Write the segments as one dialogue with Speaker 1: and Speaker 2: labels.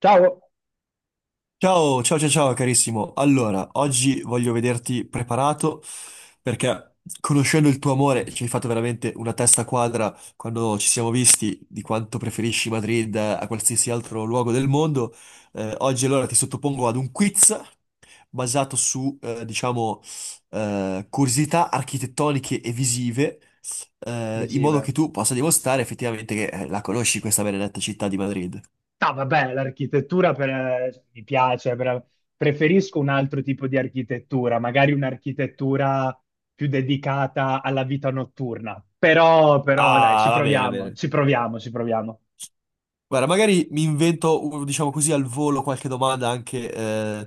Speaker 1: Ciao,
Speaker 2: Ciao, ciao, ciao, ciao, carissimo. Allora, oggi voglio vederti preparato perché conoscendo il tuo amore ci hai fatto veramente una testa quadra quando ci siamo visti di quanto preferisci Madrid a qualsiasi altro luogo del mondo. Oggi allora ti sottopongo ad un quiz basato su, diciamo, curiosità architettoniche e visive, in modo che
Speaker 1: visive.
Speaker 2: tu possa dimostrare effettivamente che la conosci questa benedetta città di Madrid.
Speaker 1: Ah, vabbè, l'architettura mi piace, preferisco un altro tipo di architettura, magari un'architettura più dedicata alla vita notturna. Però, dai, ci
Speaker 2: Ah, va bene, va
Speaker 1: proviamo,
Speaker 2: bene.
Speaker 1: ci proviamo.
Speaker 2: Guarda, magari mi invento, diciamo così, al volo qualche domanda anche, eh,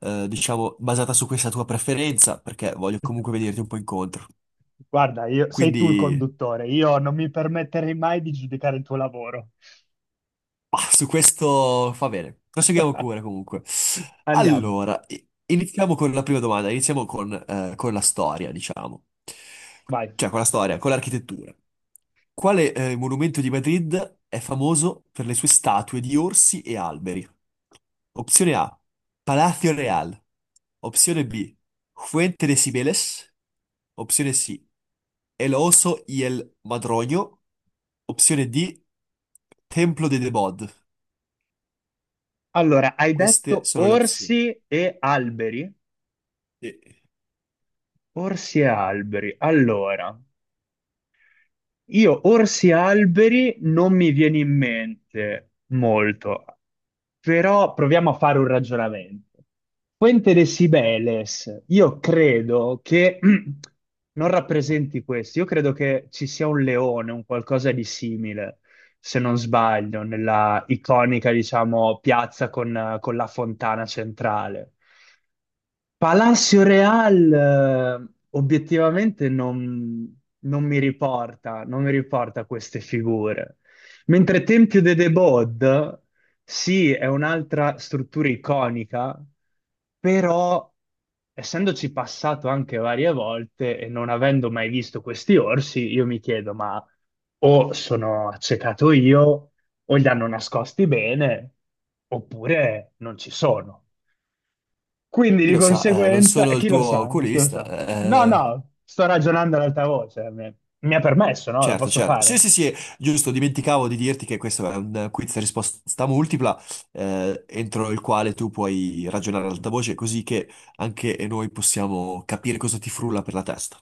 Speaker 2: eh, diciamo, basata su questa tua preferenza, perché voglio comunque venirti un po' incontro.
Speaker 1: Guarda, sei tu il
Speaker 2: Quindi,
Speaker 1: conduttore, io non mi permetterei mai di giudicare il tuo lavoro.
Speaker 2: su questo fa bene. Proseguiamo pure, comunque.
Speaker 1: Andiamo,
Speaker 2: Allora, iniziamo con la prima domanda, iniziamo con la storia, diciamo.
Speaker 1: vai.
Speaker 2: Cioè, con la storia, con l'architettura. Quale, monumento di Madrid è famoso per le sue statue di orsi e alberi? Opzione A, Palacio Real. Opzione B, Fuente de Sibeles. Opzione C, El Oso y el Madroño. Opzione D, Templo de Debod.
Speaker 1: Allora, hai
Speaker 2: Queste
Speaker 1: detto
Speaker 2: sono le opzioni.
Speaker 1: orsi e alberi?
Speaker 2: Sì.
Speaker 1: Orsi e alberi. Allora, io orsi e alberi non mi viene in mente molto, però proviamo a fare un ragionamento. Fuente de Sibeles, io credo che non rappresenti questo, io credo che ci sia un leone, un qualcosa di simile, se non sbaglio, nella iconica, diciamo, piazza con la fontana centrale. Palacio Real, obiettivamente non mi riporta, non mi riporta queste figure. Mentre Tempio de Debod, sì, è un'altra struttura iconica, però essendoci passato anche varie volte e non avendo mai visto questi orsi, io mi chiedo, ma o sono accecato io, o li hanno nascosti bene, oppure non ci sono. Quindi
Speaker 2: Chi
Speaker 1: di
Speaker 2: lo sa, non
Speaker 1: conseguenza, e
Speaker 2: sono il
Speaker 1: chi lo
Speaker 2: tuo
Speaker 1: sa, chi lo
Speaker 2: oculista.
Speaker 1: sa. No,
Speaker 2: Eh.
Speaker 1: no, sto ragionando ad alta voce, mi ha permesso, no? Lo
Speaker 2: Certo,
Speaker 1: posso
Speaker 2: certo. Sì,
Speaker 1: fare.
Speaker 2: sì, sì, giusto, dimenticavo di dirti che questo è un quiz a risposta multipla, entro il quale tu puoi ragionare ad alta voce, così che anche noi possiamo capire cosa ti frulla per la testa.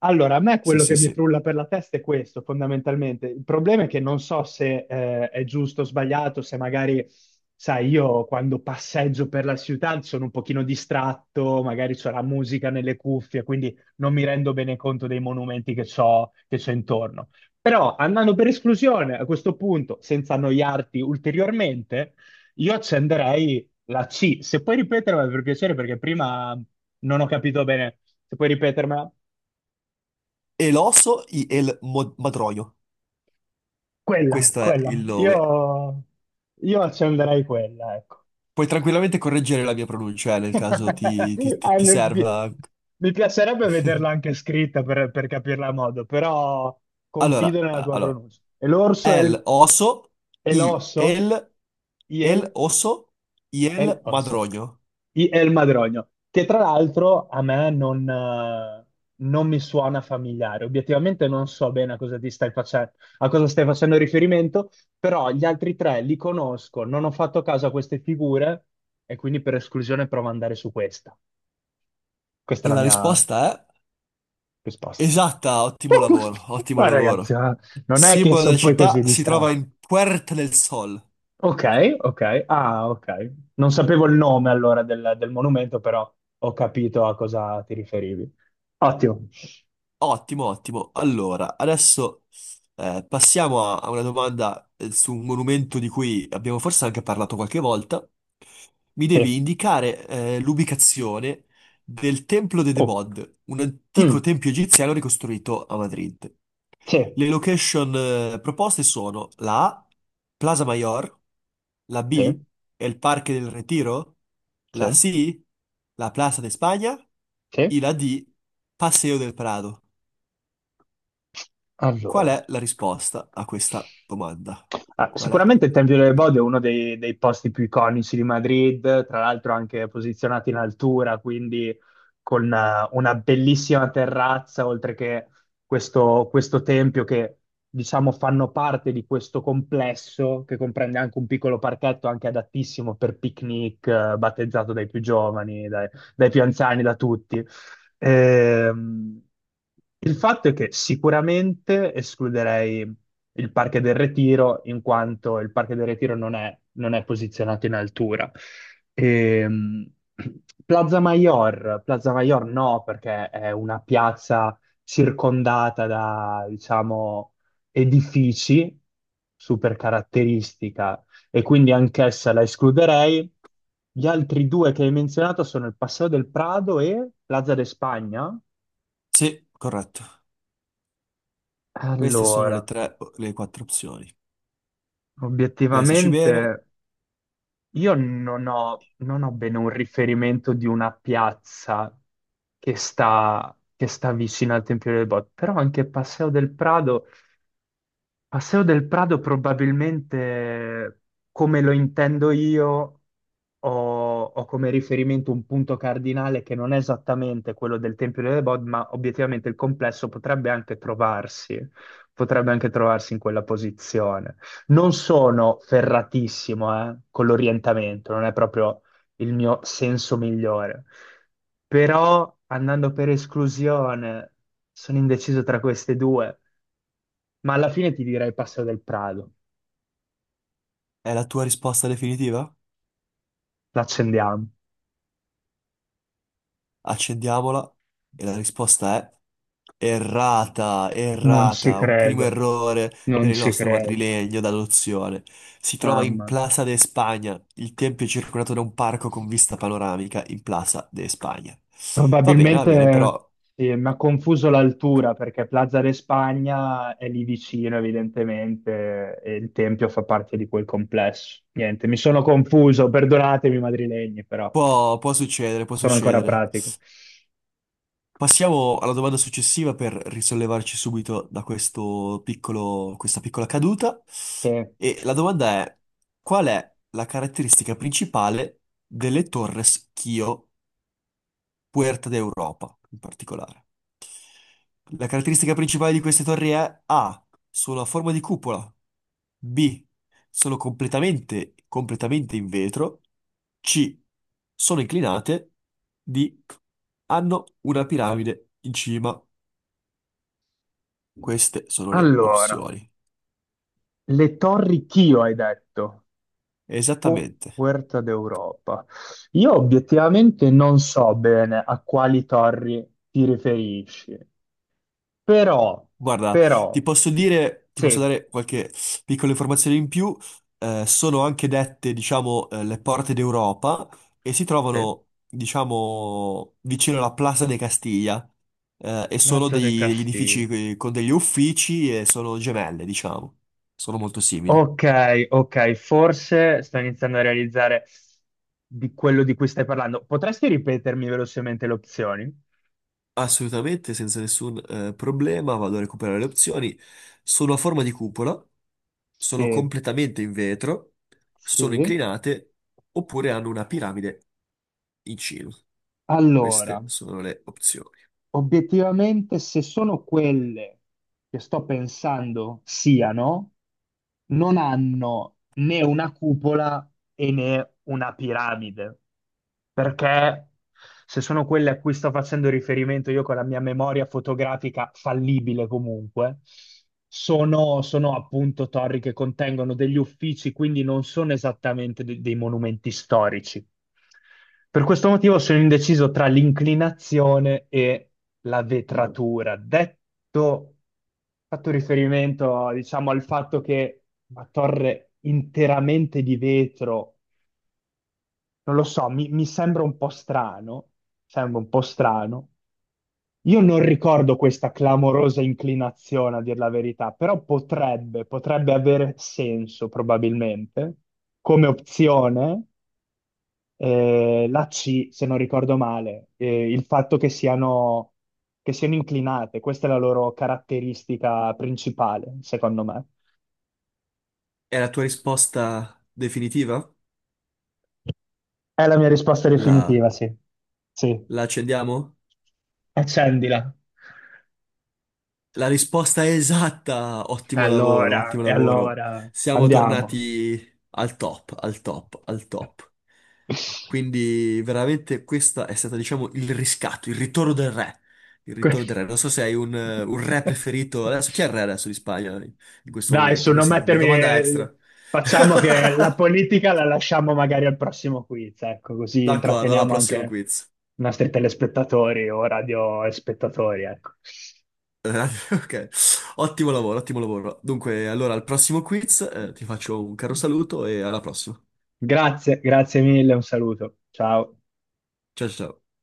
Speaker 1: Allora, a me
Speaker 2: Sì,
Speaker 1: quello
Speaker 2: sì,
Speaker 1: che mi
Speaker 2: sì.
Speaker 1: frulla per la testa è questo, fondamentalmente. Il problema è che non so se è giusto o sbagliato, se magari, sai, io quando passeggio per la città sono un pochino distratto, magari c'è la musica nelle cuffie, quindi non mi rendo bene conto dei monumenti che c'ho intorno. Però, andando per esclusione, a questo punto, senza annoiarti ulteriormente, io accenderei la C. Se puoi ripetermela per piacere, perché prima non ho capito bene. Se puoi ripetermela.
Speaker 2: El oso y el mo- madroño.
Speaker 1: Quella,
Speaker 2: Questo è
Speaker 1: quella.
Speaker 2: il nome.
Speaker 1: Io accenderei quella, ecco.
Speaker 2: Puoi tranquillamente correggere la mia pronuncia, nel caso
Speaker 1: Eh,
Speaker 2: ti
Speaker 1: mi, pi-
Speaker 2: serva.
Speaker 1: mi piacerebbe vederla anche scritta per capirla a modo, però confido
Speaker 2: Allora,
Speaker 1: nella tua
Speaker 2: allora,
Speaker 1: pronuncia. E l'orso è
Speaker 2: el
Speaker 1: il,
Speaker 2: oso
Speaker 1: è
Speaker 2: y
Speaker 1: l'osso?
Speaker 2: el El
Speaker 1: Il
Speaker 2: oso y
Speaker 1: è
Speaker 2: el
Speaker 1: l'osso.
Speaker 2: madroño.
Speaker 1: È il Madrogno, che tra l'altro a me non mi suona familiare. Obiettivamente non so bene a cosa ti stai facendo, a cosa stai facendo riferimento, però gli altri tre li conosco, non ho fatto caso a queste figure e quindi per esclusione provo ad andare su questa. Questa è
Speaker 2: E
Speaker 1: la
Speaker 2: la
Speaker 1: mia
Speaker 2: risposta è
Speaker 1: risposta.
Speaker 2: esatta, ottimo lavoro, ottimo
Speaker 1: Ma ragazzi,
Speaker 2: lavoro.
Speaker 1: ma non è che
Speaker 2: Simbolo della
Speaker 1: sono poi
Speaker 2: città
Speaker 1: così
Speaker 2: si trova
Speaker 1: distratto.
Speaker 2: in Puerta del Sol.
Speaker 1: Ok, ok. Ah, ok. Non sapevo il nome allora del, del monumento, però ho capito a cosa ti riferivi. Ottimo.
Speaker 2: Ottimo, ottimo. Allora, adesso passiamo a, a una domanda su un monumento di cui abbiamo forse anche parlato qualche volta. Mi devi
Speaker 1: Sì.
Speaker 2: indicare l'ubicazione del Templo de
Speaker 1: Oh.
Speaker 2: Debod, un antico
Speaker 1: Mm.
Speaker 2: tempio egiziano ricostruito a Madrid.
Speaker 1: Sì,
Speaker 2: Le location proposte sono la A, Plaza Mayor, la
Speaker 1: sì,
Speaker 2: B, El Parque del Retiro,
Speaker 1: sì,
Speaker 2: la C, la Plaza de España
Speaker 1: sì.
Speaker 2: e la D, Paseo del Prado. Qual
Speaker 1: Allora,
Speaker 2: è la risposta a questa domanda?
Speaker 1: ah,
Speaker 2: Qual è?
Speaker 1: sicuramente il Tempio delle
Speaker 2: la-
Speaker 1: Bode è uno dei, dei posti più iconici di Madrid, tra l'altro anche posizionato in altura, quindi con una bellissima terrazza, oltre che questo tempio che diciamo fanno parte di questo complesso che comprende anche un piccolo parchetto anche adattissimo per picnic, battezzato dai più giovani, dai, dai più anziani, da tutti. Ehm, il fatto è che sicuramente escluderei il Parque del Retiro, in quanto il Parque del Retiro non è posizionato in altura. Ehm, Plaza Mayor, Plaza Mayor no, perché è una piazza circondata da, diciamo, edifici super caratteristica e quindi anch'essa la escluderei. Gli altri due che hai menzionato sono il Paseo del Prado e Plaza de Spagna.
Speaker 2: Sì, corretto. Queste sono le
Speaker 1: Allora,
Speaker 2: tre, le quattro opzioni. Pensaci bene,
Speaker 1: obiettivamente io non ho bene un riferimento di una piazza che sta vicino al Tempio del Bot, però anche Paseo del Prado probabilmente come lo intendo io ho come riferimento un punto cardinale che non è esattamente quello del Tempio delle Bod, ma obiettivamente il complesso potrebbe anche trovarsi in quella posizione. Non sono ferratissimo, con l'orientamento, non è proprio il mio senso migliore, però andando per esclusione sono indeciso tra queste due, ma alla fine ti direi Passo del Prado.
Speaker 2: è la tua risposta definitiva?
Speaker 1: L'accendiamo.
Speaker 2: Accendiamola e la risposta è errata,
Speaker 1: Non ci
Speaker 2: errata, un primo
Speaker 1: credo,
Speaker 2: errore
Speaker 1: non
Speaker 2: per il
Speaker 1: ci
Speaker 2: nostro
Speaker 1: credo.
Speaker 2: madrilegno d'adozione. Si trova in
Speaker 1: Mamma mia.
Speaker 2: Plaza de Spagna, il tempio è circondato da un parco con vista panoramica in Plaza de Spagna. Va bene,
Speaker 1: Probabilmente
Speaker 2: però
Speaker 1: sì, mi ha confuso l'altura perché Plaza de Spagna è lì vicino, evidentemente, e il Tempio fa parte di quel complesso. Niente, mi sono confuso, perdonatemi madrilegni, però
Speaker 2: può, può succedere, può
Speaker 1: sono ancora
Speaker 2: succedere.
Speaker 1: pratico.
Speaker 2: Passiamo alla domanda successiva per risollevarci subito da questo piccolo, questa piccola caduta.
Speaker 1: Eh,
Speaker 2: E la domanda è: qual è la caratteristica principale delle Torres Kio? Puerta d'Europa in particolare. La caratteristica principale di queste torri è A, solo a forma di cupola, B, sono completamente in vetro, C, sono inclinate, D, hanno una piramide in cima. Queste sono le
Speaker 1: Allora,
Speaker 2: opzioni.
Speaker 1: le Torri Chio hai detto, o
Speaker 2: Esattamente.
Speaker 1: Puerta d'Europa. Io obiettivamente non so bene a quali torri ti riferisci, però,
Speaker 2: Guarda, ti
Speaker 1: però,
Speaker 2: posso dire, ti posso
Speaker 1: sì.
Speaker 2: dare qualche piccola informazione in più. Sono anche dette, diciamo, le porte d'Europa e si
Speaker 1: Sì.
Speaker 2: trovano, diciamo, vicino alla Plaza de Castiglia. E sono
Speaker 1: Plaza de
Speaker 2: degli
Speaker 1: Castillo.
Speaker 2: edifici con degli uffici e sono gemelle, diciamo. Sono molto simili.
Speaker 1: Ok, ok, forse sto iniziando a realizzare di quello di cui stai parlando. Potresti ripetermi velocemente le opzioni?
Speaker 2: Assolutamente, senza nessun problema, vado a recuperare le opzioni. Sono a forma di cupola, sono
Speaker 1: Sì,
Speaker 2: completamente in vetro, sono
Speaker 1: sì.
Speaker 2: inclinate oppure hanno una piramide in cima. Queste
Speaker 1: Allora,
Speaker 2: sono le opzioni.
Speaker 1: obiettivamente, se sono quelle che sto pensando siano, non hanno né una cupola e né una piramide, perché se sono quelle a cui sto facendo riferimento io con la mia memoria fotografica fallibile comunque, sono appunto torri che contengono degli uffici, quindi non sono esattamente dei monumenti storici. Per questo motivo sono indeciso tra l'inclinazione e la vetratura. Detto, fatto riferimento, diciamo, al fatto che una torre interamente di vetro, non lo so, mi sembra un po' strano, sembra un po' strano. Io non ricordo questa clamorosa inclinazione, a dir la verità, però potrebbe avere senso probabilmente come opzione la C, se non ricordo male, il fatto che siano inclinate, questa è la loro caratteristica principale, secondo me.
Speaker 2: È la tua risposta definitiva?
Speaker 1: È la mia risposta
Speaker 2: La,
Speaker 1: definitiva, sì. Sì,
Speaker 2: la accendiamo?
Speaker 1: accendila.
Speaker 2: La risposta è esatta!
Speaker 1: E
Speaker 2: Ottimo lavoro,
Speaker 1: allora,
Speaker 2: ottimo
Speaker 1: e
Speaker 2: lavoro.
Speaker 1: allora,
Speaker 2: Siamo
Speaker 1: andiamo.
Speaker 2: tornati al top, al top, al top. Quindi veramente questa è stata, diciamo, il riscatto, il ritorno del re. Il
Speaker 1: Que-
Speaker 2: ritorno del re. Non so se hai un re preferito. Adesso, chi è il re adesso di Spagna in, in questo
Speaker 1: Dai,
Speaker 2: momento?
Speaker 1: su, non
Speaker 2: Questa è una domanda extra.
Speaker 1: mettermi... Facciamo che la politica la lasciamo magari al prossimo quiz, ecco, così
Speaker 2: D'accordo, alla
Speaker 1: intratteniamo
Speaker 2: prossima
Speaker 1: anche
Speaker 2: quiz.
Speaker 1: i nostri telespettatori o radio spettatori, ecco.
Speaker 2: Eh, Ok, ottimo lavoro, ottimo lavoro. Dunque, allora al prossimo quiz, ti faccio un caro saluto e alla prossima.
Speaker 1: Grazie, grazie mille, un saluto. Ciao.
Speaker 2: Ciao ciao. Ciao.